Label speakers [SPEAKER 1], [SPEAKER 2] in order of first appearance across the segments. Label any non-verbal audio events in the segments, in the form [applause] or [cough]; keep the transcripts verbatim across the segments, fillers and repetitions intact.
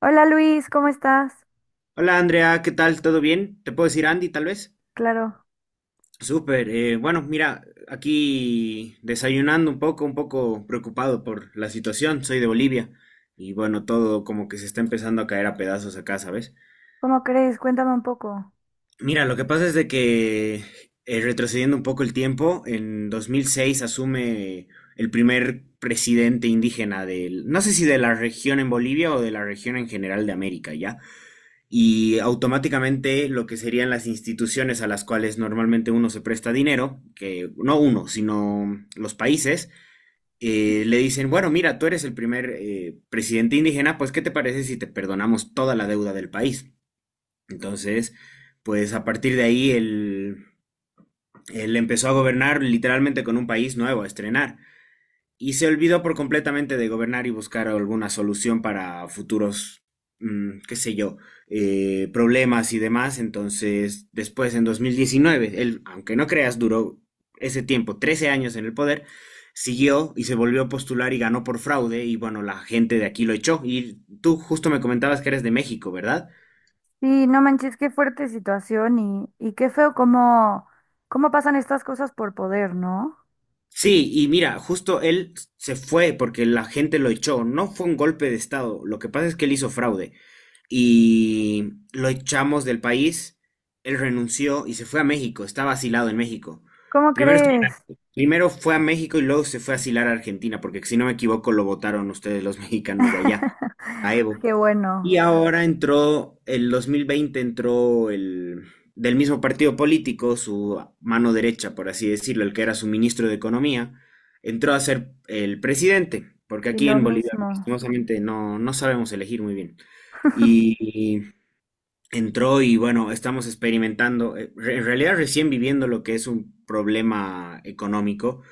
[SPEAKER 1] Hola Luis, ¿cómo estás?
[SPEAKER 2] Hola Andrea, ¿qué tal? ¿Todo bien? ¿Te puedo decir Andy, tal vez?
[SPEAKER 1] Claro,
[SPEAKER 2] Súper. Eh, bueno, mira, aquí desayunando un poco, un poco preocupado por la situación. Soy de Bolivia y bueno, todo como que se está empezando a caer a pedazos acá, ¿sabes?
[SPEAKER 1] ¿cómo crees? Cuéntame un poco.
[SPEAKER 2] Mira, lo que pasa es de que eh, retrocediendo un poco el tiempo, en dos mil seis asume el primer presidente indígena del, no sé si de la región en Bolivia o de la región en general de América, ¿ya? Y automáticamente lo que serían las instituciones a las cuales normalmente uno se presta dinero, que no uno, sino los países, eh, le dicen, bueno, mira, tú eres el primer eh, presidente indígena, pues ¿qué te parece si te perdonamos toda la deuda del país? Entonces, pues a partir de ahí él, él empezó a gobernar literalmente con un país nuevo, a estrenar y se olvidó por completamente de gobernar y buscar alguna solución para futuros, mm, qué sé yo, eh, problemas y demás. Entonces, después en dos mil diecinueve él, aunque no creas, duró ese tiempo, trece años en el poder, siguió y se volvió a postular y ganó por fraude y bueno, la gente de aquí lo echó. Y tú justo me comentabas que eres de México, ¿verdad?
[SPEAKER 1] Sí, no manches, qué fuerte situación y, y qué feo cómo, cómo pasan estas cosas por poder, ¿no?
[SPEAKER 2] Sí, y mira, justo él se fue porque la gente lo echó. No fue un golpe de estado. Lo que pasa es que él hizo fraude. Y lo echamos del país. Él renunció y se fue a México. Estaba asilado en México.
[SPEAKER 1] ¿Cómo
[SPEAKER 2] Primero,
[SPEAKER 1] crees?
[SPEAKER 2] primero fue a México y luego se fue a asilar a Argentina, porque si no me equivoco lo votaron ustedes los [laughs] mexicanos de allá a
[SPEAKER 1] [laughs]
[SPEAKER 2] Evo.
[SPEAKER 1] Qué
[SPEAKER 2] Y
[SPEAKER 1] bueno.
[SPEAKER 2] ahora entró, el dos mil veinte entró el del mismo partido político, su mano derecha, por así decirlo, el que era su ministro de Economía, entró a ser el presidente, porque
[SPEAKER 1] Y
[SPEAKER 2] aquí
[SPEAKER 1] lo
[SPEAKER 2] en Bolivia,
[SPEAKER 1] mismo.
[SPEAKER 2] lastimosamente, no, no sabemos elegir muy bien. Y entró y bueno, estamos experimentando, eh, re- en realidad recién viviendo lo que es un problema económico.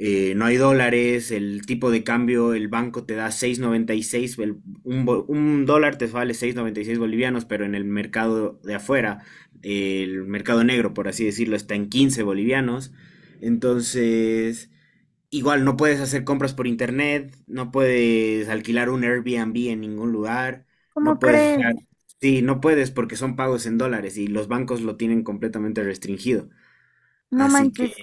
[SPEAKER 2] Eh, no hay dólares, el tipo de cambio, el banco te da seis noventa y seis, el- un, bo- un dólar te vale seis noventa y seis bolivianos, pero en el mercado de afuera, el mercado negro, por así decirlo, está en quince bolivianos. Entonces, igual no puedes hacer compras por internet, no puedes alquilar un Airbnb en ningún lugar, no
[SPEAKER 1] ¿Cómo
[SPEAKER 2] puedes
[SPEAKER 1] crees?
[SPEAKER 2] usar, sí, no puedes porque son pagos en dólares y los bancos lo tienen completamente restringido.
[SPEAKER 1] No
[SPEAKER 2] Así que
[SPEAKER 1] manches,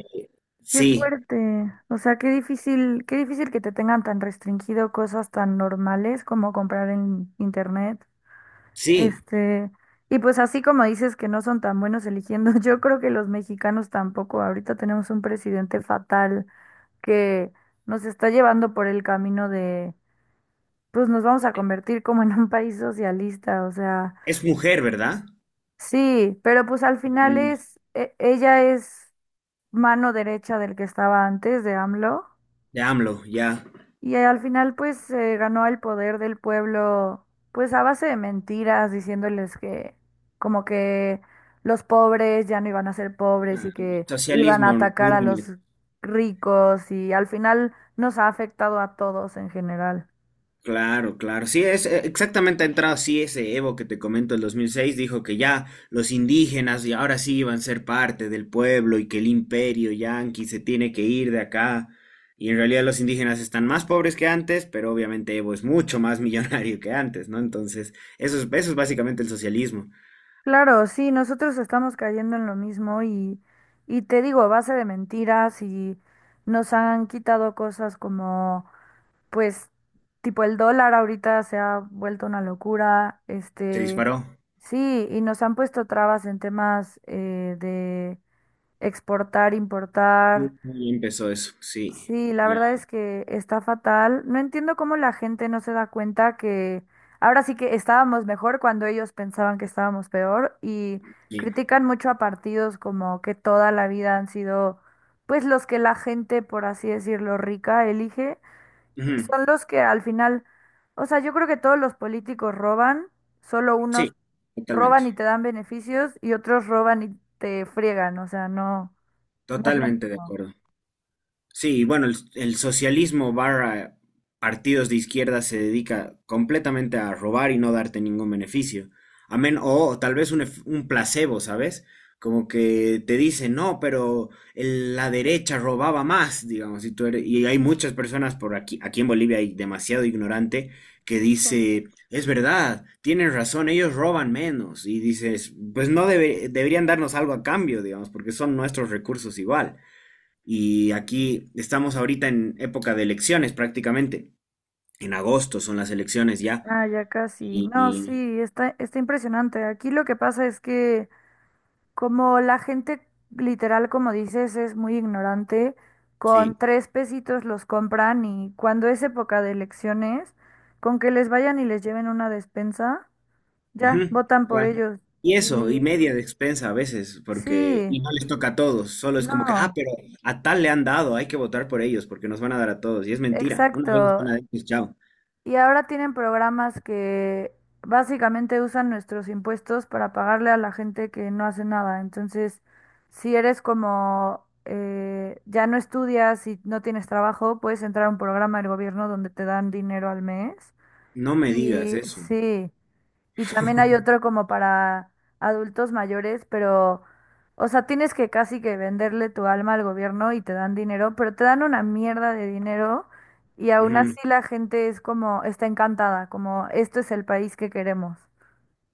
[SPEAKER 1] qué
[SPEAKER 2] sí,
[SPEAKER 1] fuerte. O sea, qué difícil, qué difícil que te tengan tan restringido cosas tan normales como comprar en internet.
[SPEAKER 2] sí,
[SPEAKER 1] Este, y pues así como dices que no son tan buenos eligiendo, [laughs] yo creo que los mexicanos tampoco. Ahorita tenemos un presidente fatal que nos está llevando por el camino de, pues nos vamos a convertir como en un país socialista, o sea,
[SPEAKER 2] es mujer, ¿verdad?
[SPEAKER 1] sí, pero pues al final
[SPEAKER 2] Mm.
[SPEAKER 1] es, e- ella es mano derecha del que estaba antes de A M L O.
[SPEAKER 2] De AMLO, ya.
[SPEAKER 1] Y al final pues se ganó el poder del pueblo pues a base de mentiras, diciéndoles que como que los pobres ya no iban a ser pobres
[SPEAKER 2] Ah,
[SPEAKER 1] y que iban a
[SPEAKER 2] socialismo
[SPEAKER 1] atacar
[SPEAKER 2] puro
[SPEAKER 1] a
[SPEAKER 2] y
[SPEAKER 1] los ricos y al final nos ha afectado a todos en general.
[SPEAKER 2] claro, claro. Sí, es eh, exactamente ha entrado así ese Evo que te comento el dos mil seis dijo que ya los indígenas y ahora sí iban a ser parte del pueblo y que el imperio yanqui se tiene que ir de acá. Y en realidad los indígenas están más pobres que antes, pero obviamente Evo es mucho más [laughs] millonario que antes, ¿no? Entonces, eso es, eso es básicamente el socialismo.
[SPEAKER 1] Claro, sí, nosotros estamos cayendo en lo mismo y, y te digo, a base de mentiras y nos han quitado cosas como pues tipo el dólar ahorita se ha vuelto una locura,
[SPEAKER 2] Se
[SPEAKER 1] este,
[SPEAKER 2] disparó.
[SPEAKER 1] sí, y nos han puesto trabas en temas eh, de exportar, importar.
[SPEAKER 2] Y empezó eso, sí.
[SPEAKER 1] Sí, la
[SPEAKER 2] Ya,
[SPEAKER 1] verdad es que está fatal. No entiendo cómo la gente no se da cuenta que ahora sí que estábamos mejor cuando ellos pensaban que estábamos peor y
[SPEAKER 2] sí.
[SPEAKER 1] critican mucho a partidos como que toda la vida han sido pues los que la gente, por así decirlo, rica elige
[SPEAKER 2] Ujú,
[SPEAKER 1] son los que al final, o sea, yo creo que todos los políticos roban, solo unos
[SPEAKER 2] sí, totalmente.
[SPEAKER 1] roban y te dan beneficios y otros roban y te friegan, o sea, no, no es lo
[SPEAKER 2] Totalmente de
[SPEAKER 1] mismo.
[SPEAKER 2] acuerdo. Sí, bueno, el, el socialismo barra partidos de izquierda se dedica completamente a robar y no darte ningún beneficio. Amén, o tal vez un, ef- un placebo, ¿sabes? Como que te dicen, no, pero el- la derecha robaba más, digamos, y tú eres- y hay muchas personas por aquí, aquí en Bolivia hay demasiado ignorante que
[SPEAKER 1] Sí.
[SPEAKER 2] dice, es verdad, tienen razón, ellos roban menos, y dices, pues no debe- deberían darnos algo a cambio, digamos, porque son nuestros recursos igual. Y aquí estamos ahorita en época de elecciones prácticamente. En agosto son las elecciones ya.
[SPEAKER 1] Ah, ya casi.
[SPEAKER 2] Y
[SPEAKER 1] No,
[SPEAKER 2] y-
[SPEAKER 1] sí, está, está impresionante. Aquí lo que pasa es que como la gente literal, como dices, es muy ignorante, con
[SPEAKER 2] sí.
[SPEAKER 1] tres pesitos los compran y cuando es época de elecciones, con que les vayan y les lleven una despensa, ya,
[SPEAKER 2] Ujú,
[SPEAKER 1] votan por
[SPEAKER 2] igual.
[SPEAKER 1] ellos.
[SPEAKER 2] Y eso, y
[SPEAKER 1] Y
[SPEAKER 2] media de expensa a veces, porque
[SPEAKER 1] sí,
[SPEAKER 2] y no les toca a todos, solo es como que, ah,
[SPEAKER 1] no,
[SPEAKER 2] pero a tal le han dado, hay que votar por ellos porque nos van a dar a todos. Y es mentira. Una vez,
[SPEAKER 1] exacto.
[SPEAKER 2] una vez, pues, chao.
[SPEAKER 1] Y ahora tienen programas que básicamente usan nuestros impuestos para pagarle a la gente que no hace nada. Entonces, si eres como eh, ya no estudias y no tienes trabajo, puedes entrar a un programa del gobierno donde te dan dinero al mes.
[SPEAKER 2] No me digas
[SPEAKER 1] Y
[SPEAKER 2] eso.
[SPEAKER 1] sí. Y también hay otro
[SPEAKER 2] [laughs]
[SPEAKER 1] como para adultos mayores, pero, o sea, tienes que casi que venderle tu alma al gobierno y te dan dinero, pero te dan una mierda de dinero y aún
[SPEAKER 2] Ujú,
[SPEAKER 1] así la gente es como, está encantada, como, esto es el país que queremos.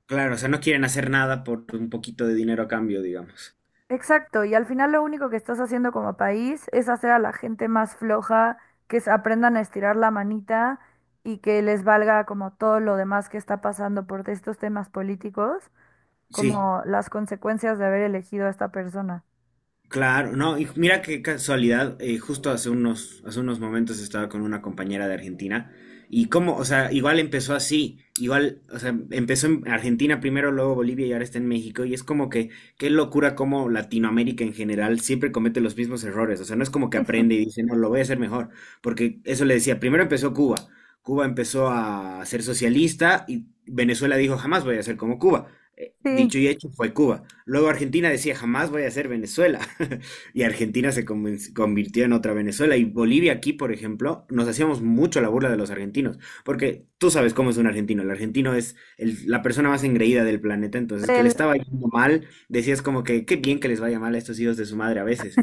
[SPEAKER 2] claro, o sea, no quieren hacer nada por un poquito de dinero a cambio, digamos.
[SPEAKER 1] Exacto, y al final lo único que estás haciendo como país es hacer a la gente más floja, que se aprendan a estirar la manita y que les valga como todo lo demás que está pasando por estos temas políticos,
[SPEAKER 2] Sí.
[SPEAKER 1] como las consecuencias de haber elegido a esta persona.
[SPEAKER 2] Claro, no, y mira qué casualidad, eh, justo hace unos, hace unos momentos estaba con una compañera de Argentina y cómo, o sea, igual empezó así, igual, o sea, empezó en Argentina primero, luego Bolivia y ahora está en México y es como que, qué locura cómo Latinoamérica en general siempre comete los mismos errores, o sea, no es como que
[SPEAKER 1] [laughs] Sí,
[SPEAKER 2] aprende y dice, no, lo voy a hacer mejor, porque eso le decía, primero empezó Cuba, Cuba empezó a ser socialista y Venezuela dijo, jamás voy a ser como Cuba. Eh,
[SPEAKER 1] sí,
[SPEAKER 2] Dicho y hecho fue Cuba. Luego Argentina decía, jamás voy a ser Venezuela. [laughs] Y Argentina se conven- convirtió en otra Venezuela. Y Bolivia aquí, por ejemplo, nos hacíamos mucho la burla de los argentinos. Porque tú sabes cómo es un argentino. El argentino es el- la persona más engreída del planeta. Entonces, que le
[SPEAKER 1] del...
[SPEAKER 2] estaba yendo mal, decías como que, qué bien que les vaya mal a estos hijos de su madre a veces.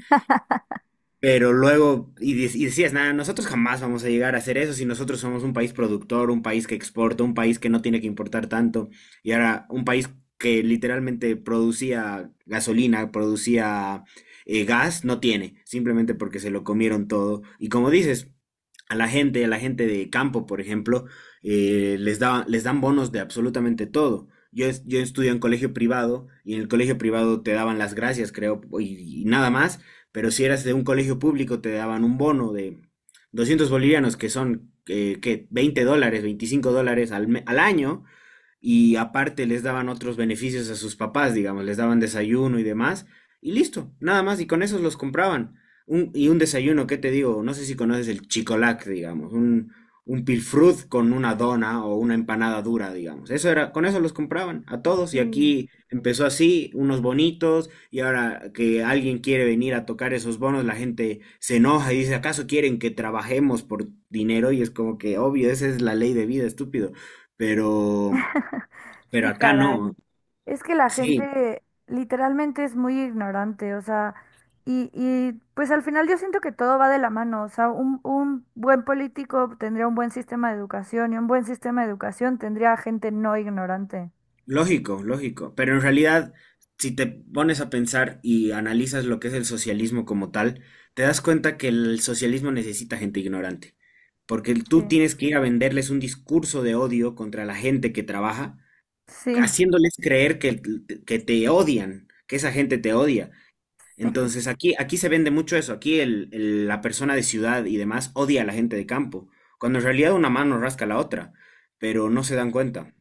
[SPEAKER 2] Pero luego, y, de- y decías, nada, nosotros jamás vamos a llegar a hacer eso si nosotros somos un país productor, un país que exporta, un país que no tiene que importar tanto. Y ahora, un país que literalmente producía gasolina, producía eh, gas, no tiene, simplemente porque se lo comieron todo. Y como dices, a la gente, a la gente de campo, por ejemplo, eh, les da, les dan bonos de absolutamente todo. Yo, es- yo estudio en colegio privado y en el colegio privado te daban las gracias, creo, y y nada más. Pero si eras de un colegio público, te daban un bono de doscientos bolivianos, que son, eh, ¿qué? veinte dólares, veinticinco dólares al, me- al año, y aparte les daban otros beneficios a sus papás, digamos, les daban desayuno y demás, y listo, nada más, y con esos los compraban. Un- y un desayuno, ¿qué te digo? No sé si conoces el chicolac, digamos, un, un pilfrut con una dona o una empanada dura, digamos. Eso era, con eso los compraban a todos, y
[SPEAKER 1] Sí,
[SPEAKER 2] aquí empezó así, unos bonitos, y ahora que alguien quiere venir a tocar esos bonos, la gente se enoja y dice, ¿acaso quieren que trabajemos por dinero? Y es como que, obvio, esa es la ley de vida, estúpido. Pero
[SPEAKER 1] [laughs]
[SPEAKER 2] pero
[SPEAKER 1] sí,
[SPEAKER 2] acá no,
[SPEAKER 1] caray. Es que la
[SPEAKER 2] sí,
[SPEAKER 1] gente literalmente es muy ignorante, o sea, y, y pues al final yo siento que todo va de la mano, o sea, un, un buen político tendría un buen sistema de educación y un buen sistema de educación tendría gente no ignorante.
[SPEAKER 2] lógico, lógico. Pero en realidad, si te pones a pensar y analizas lo que es el socialismo como tal, te das cuenta que el socialismo necesita gente ignorante. Porque tú
[SPEAKER 1] Sí,
[SPEAKER 2] tienes que ir a venderles un discurso de odio contra la gente que trabaja,
[SPEAKER 1] sí.
[SPEAKER 2] haciéndoles creer que, que te odian, que esa gente te odia. Entonces aquí, aquí se vende mucho eso. Aquí el- el- la persona de ciudad y demás odia a la gente de campo, cuando en realidad una mano rasca la otra, pero no se dan cuenta.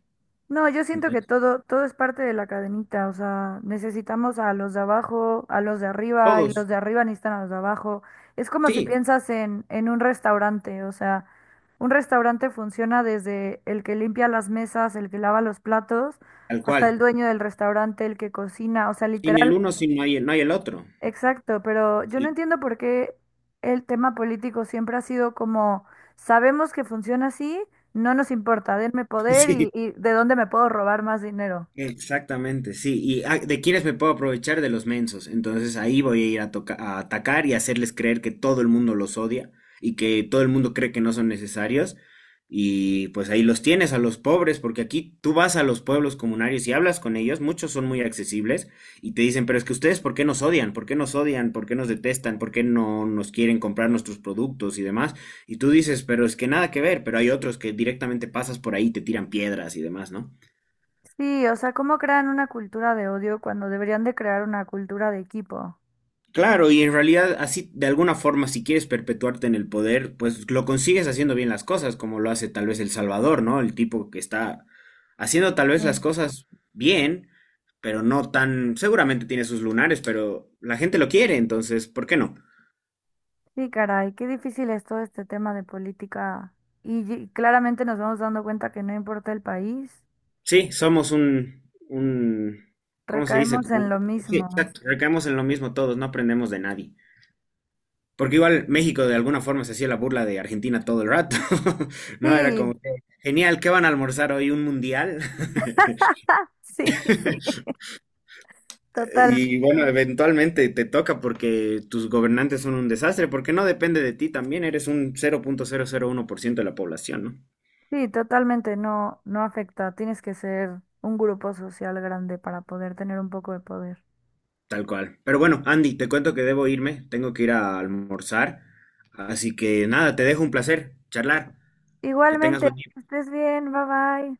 [SPEAKER 1] No, yo siento que todo, todo es parte de la cadenita, o sea, necesitamos a los de abajo, a los de arriba, y
[SPEAKER 2] Todos,
[SPEAKER 1] los de arriba necesitan a los de abajo. Es como si
[SPEAKER 2] sí,
[SPEAKER 1] piensas en, en un restaurante, o sea, un restaurante funciona desde el que limpia las mesas, el que lava los platos,
[SPEAKER 2] tal
[SPEAKER 1] hasta el
[SPEAKER 2] cual.
[SPEAKER 1] dueño del restaurante, el que cocina, o sea,
[SPEAKER 2] Sin el
[SPEAKER 1] literal.
[SPEAKER 2] uno, sin no hay, no hay el otro.
[SPEAKER 1] Exacto, pero yo no
[SPEAKER 2] Sí,
[SPEAKER 1] entiendo por qué el tema político siempre ha sido como, sabemos que funciona así, no nos importa, denme
[SPEAKER 2] [laughs]
[SPEAKER 1] poder y,
[SPEAKER 2] sí,
[SPEAKER 1] y de dónde me puedo robar más dinero.
[SPEAKER 2] exactamente, sí. ¿Y ah, de quiénes me puedo aprovechar? De los mensos. Entonces ahí voy a ir a, toca- a atacar y hacerles creer que todo el mundo los odia y que todo el mundo cree que no son necesarios. Y pues ahí los tienes a los pobres, porque aquí tú vas a los pueblos comunarios y hablas con ellos, muchos son muy accesibles y te dicen, pero es que ustedes, ¿por qué nos odian? ¿Por qué nos odian? ¿Por qué nos detestan? ¿Por qué no nos quieren comprar nuestros productos y demás? Y tú dices, pero es que nada que ver, pero hay otros que directamente pasas por ahí, y te tiran piedras y demás, ¿no?
[SPEAKER 1] Sí, o sea, ¿cómo crean una cultura de odio cuando deberían de crear una cultura de equipo?
[SPEAKER 2] Claro, y en realidad así, de alguna forma, si quieres perpetuarte en el poder, pues lo consigues haciendo bien las cosas, como lo hace tal vez El Salvador, ¿no? El tipo que está haciendo tal vez las
[SPEAKER 1] Mm.
[SPEAKER 2] cosas bien, pero no tan, seguramente tiene sus lunares, pero la gente lo quiere, entonces, ¿por qué no?
[SPEAKER 1] Sí, caray, qué difícil es todo este tema de política. Y, ye- claramente nos vamos dando cuenta que no importa el país,
[SPEAKER 2] Sí, somos un, un, ¿cómo se dice?
[SPEAKER 1] recaemos en
[SPEAKER 2] Como,
[SPEAKER 1] lo
[SPEAKER 2] sí,
[SPEAKER 1] mismo.
[SPEAKER 2] exacto, recaemos en lo mismo todos, no aprendemos de nadie. Porque igual México de alguna forma se hacía la burla de Argentina todo el rato, [laughs] ¿no? Era
[SPEAKER 1] Sí,
[SPEAKER 2] como, que, genial, ¿qué van a almorzar hoy? ¿Un mundial?
[SPEAKER 1] [laughs] sí,
[SPEAKER 2] [laughs]
[SPEAKER 1] totalmente.
[SPEAKER 2] Y bueno, eventualmente te toca porque tus gobernantes son un desastre, porque no depende de ti también, eres un cero punto cero cero punto uno por ciento de la población, ¿no?
[SPEAKER 1] Sí, totalmente no, no afecta. Tienes que ser un grupo social grande para poder tener un poco de poder.
[SPEAKER 2] Tal cual. Pero bueno, Andy, te cuento que debo irme, tengo que ir a almorzar, así que nada, te dejo un placer charlar, que tengas
[SPEAKER 1] Igualmente,
[SPEAKER 2] buen día.
[SPEAKER 1] que estés bien, bye bye.